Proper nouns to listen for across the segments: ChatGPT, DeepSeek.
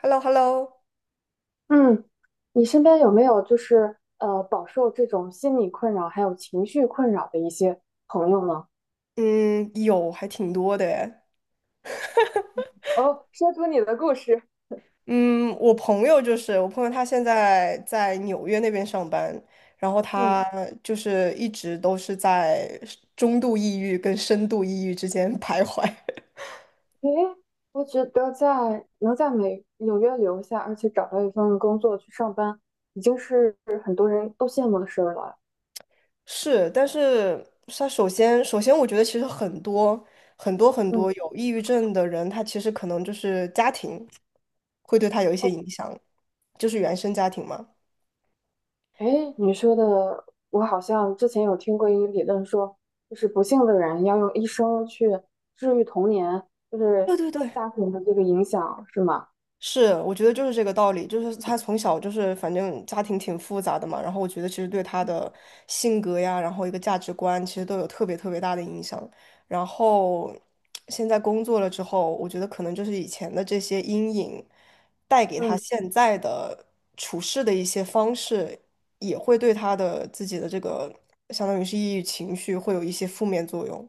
h e l l o h e l l o 嗯，你身边有没有饱受这种心理困扰还有情绪困扰的一些朋友呢？嗯，有，还挺多的诶。哦，说出你的故事。嗯，我朋友，他现在在纽约那边上班，然后嗯，他就是一直都是在中度抑郁跟深度抑郁之间 徘徊。诶，我觉得在能在美纽约留下，而且找到一份工作去上班，已经是很多人都羡慕的事儿了。是，但是他首先，首先我觉得其实很多很多很嗯，多有抑郁症的人，他其实可能就是家庭会对他有一些哦，影响，就是原生家庭嘛。诶，你说的，我好像之前有听过一个理论说，就是不幸的人要用一生去治愈童年，就是对对对，家庭的这个影响，是吗？是，我觉得就是这个道理，就是他从小就是反正家庭挺复杂的嘛，然后我觉得其实对他的性格呀，然后一个价值观，其实都有特别大的影响。然后 现在工作了之后，我觉得可能就是以前的这些阴影带给他嗯。现在的处事的一些方式，也会对他的自己的这个相当于是抑郁情绪会有一些负面作用。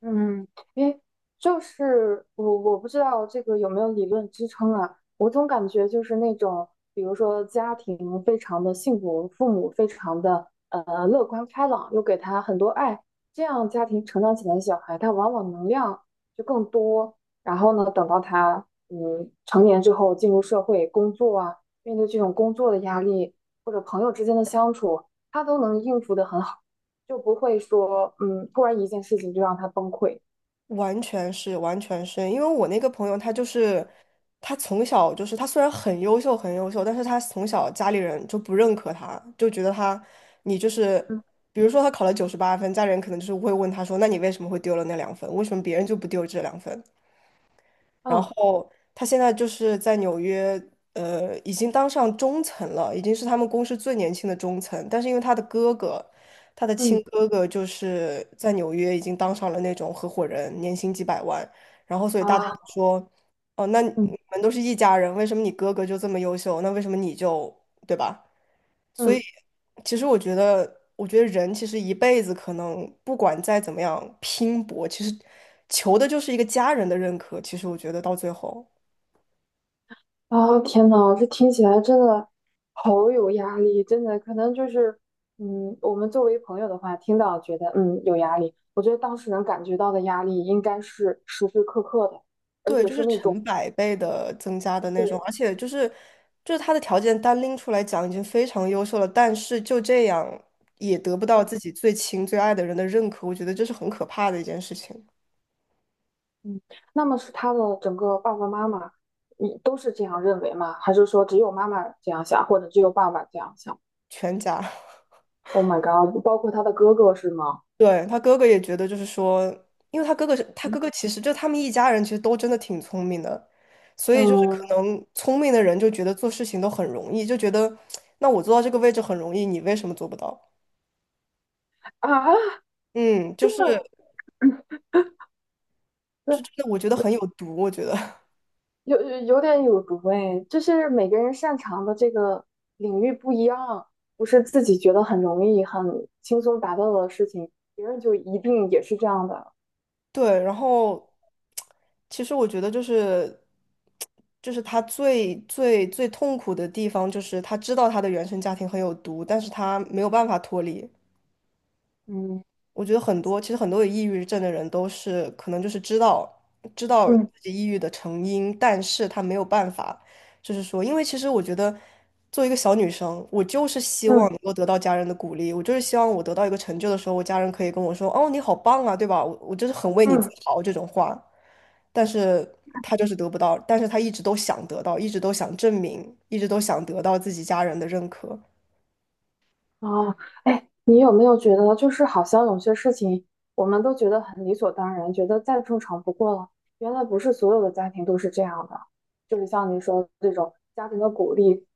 嗯，因为就是我不知道这个有没有理论支撑啊，我总感觉就是那种，比如说家庭非常的幸福，父母非常的乐观开朗，又给他很多爱，这样家庭成长起来的小孩，他往往能量就更多。然后呢，等到他成年之后进入社会工作啊，面对这种工作的压力或者朋友之间的相处，他都能应付得很好。就不会说，突然一件事情就让他崩溃。完全是，完全是，因为我那个朋友他就是，他从小就是他虽然很优秀很优秀，但是他从小家里人就不认可他，就觉得他你就是，嗯，比如说他考了九十八分，家里人可能就是会问他说，那你为什么会丢了那两分？为什么别人就不丢这两分？然哦，后他现在就是在纽约，已经当上中层了，已经是他们公司最年轻的中层。但是因为他的哥哥，他的嗯亲哥哥就是在纽约已经当上了那种合伙人，年薪几百万。然后所以大家啊，就说，哦，那你嗯们都是一家人，为什么你哥哥就这么优秀？那为什么你就，对吧？所以，嗯，其实我觉得，我觉得人其实一辈子可能不管再怎么样拼搏，其实求的就是一个家人的认可。其实我觉得到最后，啊，天呐，这听起来真的好有压力，真的可能就是，嗯，我们作为朋友的话，听到觉得有压力，我觉得当事人感觉到的压力应该是时时刻刻的，而对，且就是是那种成百倍的增加的那种，对，而且就是他的条件单拎出来讲已经非常优秀了，但是就这样也得不到嗯自己最亲最爱的人的认可，我觉得这是很可怕的一件事情，嗯，那么是他的整个爸爸妈妈，你都是这样认为吗？还是说只有妈妈这样想，或者只有爸爸这样想？全家。Oh my god！包括他的哥哥是吗？对，他哥哥也觉得，就是说，因为他哥哥是他哥哥，其实就他们一家人其实都真的挺聪明的，所以就是嗯可能聪明的人就觉得做事情都很容易，就觉得那我做到这个位置很容易，你为什么做不到？啊，嗯，这这这真的我觉得很有毒，我觉得 有点有毒哎，就是每个人擅长的这个领域不一样，不是自己觉得很容易、很轻松达到的事情，别人就一定也是这样的。对。然后其实我觉得就是他最最最痛苦的地方，就是他知道他的原生家庭很有毒，但是他没有办法脱离。嗯我觉得很多，其实很多有抑郁症的人都是可能就是知道嗯自己抑郁的成因，但是他没有办法，就是说，因为其实我觉得作为一个小女生，我就是希望嗯能够得到家人的鼓励，我就是希望我得到一个成就的时候，我家人可以跟我说：“哦，你好棒啊，对吧？我就是很为你自嗯。豪这种话。”但是他就是得不到，但是他一直都想得到，一直都想证明，一直都想得到自己家人的认可。哦，哎，你有没有觉得，就是好像有些事情，我们都觉得很理所当然，觉得再正常不过了。原来不是所有的家庭都是这样的，就是像您说这种家庭的鼓励，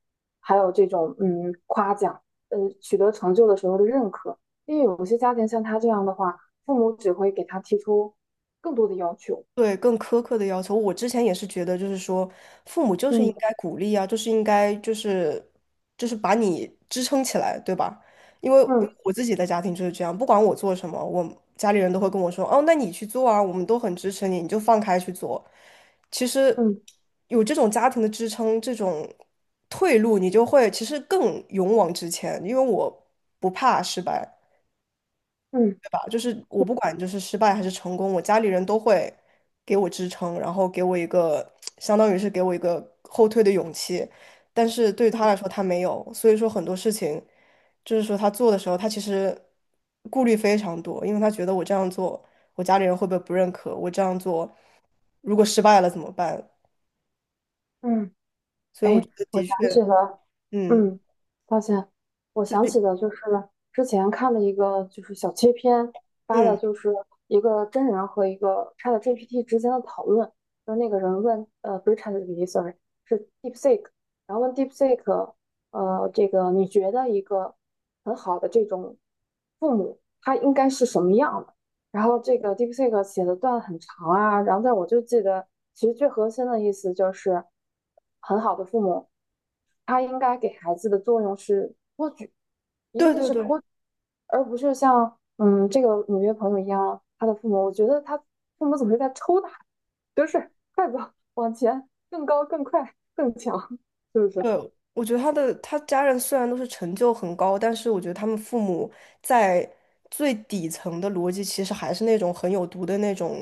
还有这种夸奖，取得成就的时候的认可。因为有些家庭像他这样的话，父母只会给他提出更多的要求。对，更苛刻的要求，我之前也是觉得，就是说，父母就是应嗯该鼓励啊，就是应该就是把你支撑起来，对吧？因为嗯我自己的家庭就是这样，不管我做什么，我家里人都会跟我说，哦，那你去做啊，我们都很支持你，你就放开去做。其实嗯有这种家庭的支撑，这种退路，你就会其实更勇往直前，因为我不怕失败。嗯吧，就是我不管就是失败还是成功，我家里人都会给我支撑，然后给我一个相当于是给我一个后退的勇气。但是对于他来说，他没有，所以说很多事情，就是说他做的时候，他其实顾虑非常多，因为他觉得我这样做，我家里人会不会不认可？我这样做，如果失败了怎么办？嗯，所以我哎，觉得我的确，想起了，嗯，嗯，抱歉，我就想是，起的就是之前看的一个就是小切片，发的嗯，就是一个真人和一个 ChatGPT 之间的讨论，就是那个人问，不是 ChatGPT，sorry，是 DeepSeek，然后问 DeepSeek，这个你觉得一个很好的这种父母他应该是什么样的？然后这个 DeepSeek 写的段很长啊，然后但我就记得，其实最核心的意思就是，很好的父母，他应该给孩子的作用是托举，一对定对是对，托举，而不是像这个纽约朋友一样，他的父母，我觉得他父母总是在抽打，就是 快走，往前，更高，更快，更强，是不是？对，我觉得他家人虽然都是成就很高，但是我觉得他们父母在最底层的逻辑其实还是那种很有毒的那种，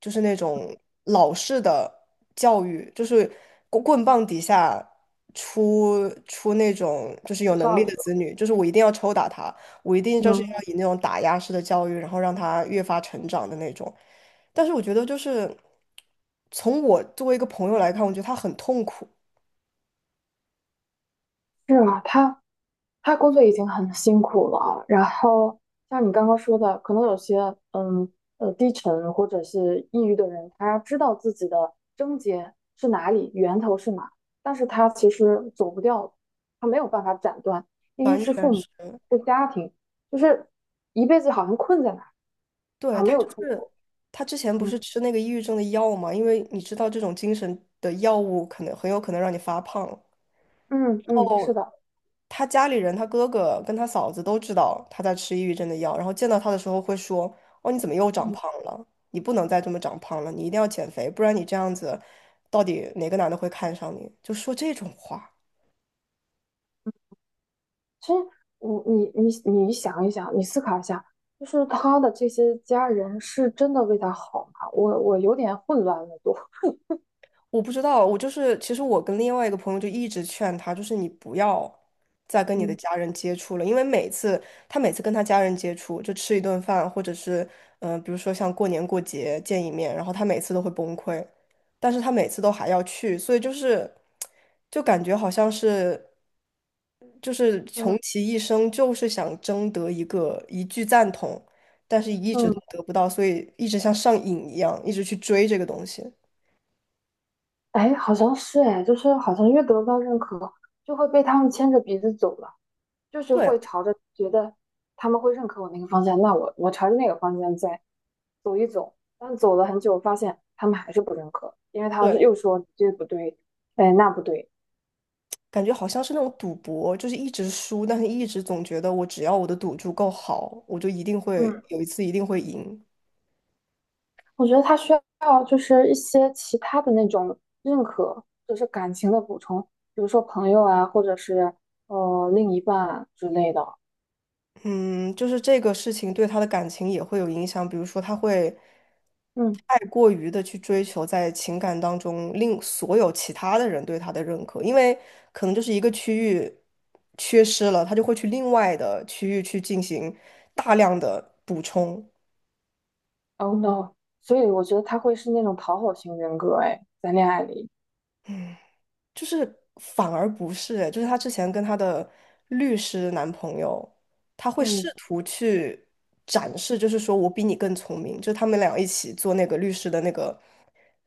就是那种老式的教育，就是棍棒底下出那种就是不有知能力的子道，女，就是我一定要抽打他，我一定就是嗯，要以那种打压式的教育，然后让他越发成长的那种。但是我觉得就是从我作为一个朋友来看，我觉得他很痛苦。是啊，他。他工作已经很辛苦了啊，然后像你刚刚说的，可能有些嗯低沉或者是抑郁的人，他知道自己的症结是哪里，源头是哪，但是他其实走不掉，他没有办法斩断，因为完是父全母，是。是家庭，就是一辈子好像困在那儿，好对，像没他有就出是国。他之前不嗯是吃那个抑郁症的药嘛，因为你知道这种精神的药物可能很有可能让你发胖。嗯，是哦，的，他家里人，他哥哥跟他嫂子都知道他在吃抑郁症的药，然后见到他的时候会说：“哦，你怎么又长胖嗯了？你不能再这么长胖了，你一定要减肥，不然你这样子，到底哪个男的会看上你？”就说这种话。其实你想一想，你思考一下，就是他的这些家人是真的为他好吗？我有点混乱了都，我不知道，我就是其实我跟另外一个朋友就一直劝他，就是你不要再跟你的嗯家人接触了，因为每次他每次跟他家人接触，就吃一顿饭，或者是比如说像过年过节见一面，然后他每次都会崩溃，但是他每次都还要去，所以就是就感觉好像是就是嗯穷其一生就是想争得一个一句赞同，但是一直嗯，都得不到，所以一直像上瘾一样，一直去追这个东西。哎，好像是哎，就是好像越得不到认可，就会被他们牵着鼻子走了，就是会对。朝着觉得他们会认可我那个方向，那我朝着那个方向再走一走，但走了很久，发现他们还是不认可，因为他们对，又说这不对，哎那不对，感觉好像是那种赌博，就是一直输，但是一直总觉得我只要我的赌注够好，我就一定会嗯。有一次一定会赢。我觉得他需要就是一些其他的那种认可，就是感情的补充，比如说朋友啊，或者是另一半啊之类的。嗯，就是这个事情对他的感情也会有影响，比如说他会嗯太过于的去追求在情感当中令所有其他的人对他的认可，因为可能就是一个区域缺失了，他就会去另外的区域去进行大量的补充。，Oh no！所以我觉得他会是那种讨好型人格，哎，在恋爱里，就是反而不是，就是她之前跟她的律师男朋友，她会试嗯图去展示，就是说我比你更聪明，就他们俩一起做那个律师的那个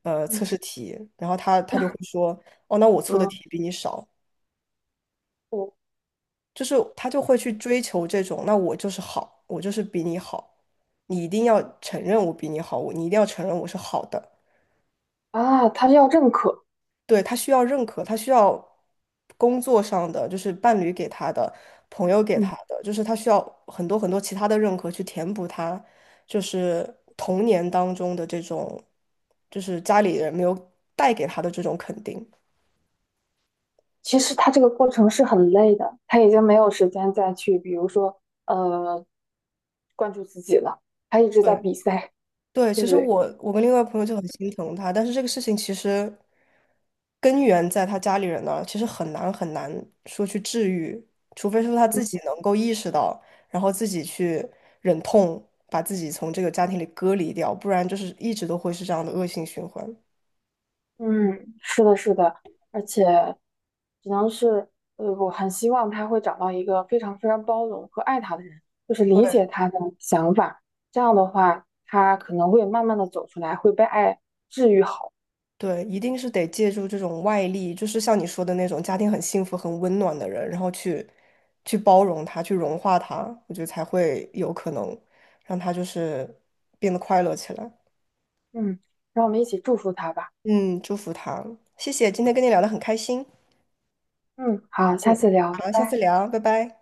嗯测试题，然后她就会说，哦，那我错的嗯，题比你少，我就是她就会去追求这种，那我就是好，我就是比你好，你一定要承认我比你好，你一定要承认我是好的。啊，他要认可，对，他需要认可，他需要工作上的，就是伴侣给他的，朋友给嗯，他的，就是他需要很多其他的认可去填补他，就是童年当中的这种，就是家里人没有带给他的这种肯定。其实他这个过程是很累的，他已经没有时间再去，比如说呃，关注自己了，他一直在对，比赛，对，对其不实对？我跟另外朋友就很心疼他，但是这个事情其实根源在他家里人那儿，其实很难说去治愈，除非说他自己能够意识到，然后自己去忍痛把自己从这个家庭里隔离掉，不然就是一直都会是这样的恶性循环。嗯，是的，是的，而且只能是，我很希望他会找到一个非常非常包容和爱他的人，就是理解他的想法。这样的话，他可能会慢慢的走出来，会被爱治愈好。对，一定是得借助这种外力，就是像你说的那种家庭很幸福、很温暖的人，然后去包容他，去融化他，我觉得才会有可能让他就是变得快乐起来。嗯，让我们一起祝福他吧。嗯，祝福他，谢谢，今天跟你聊得很开心。嗯，好，下嗯，次聊，拜好，下次拜。聊，拜拜。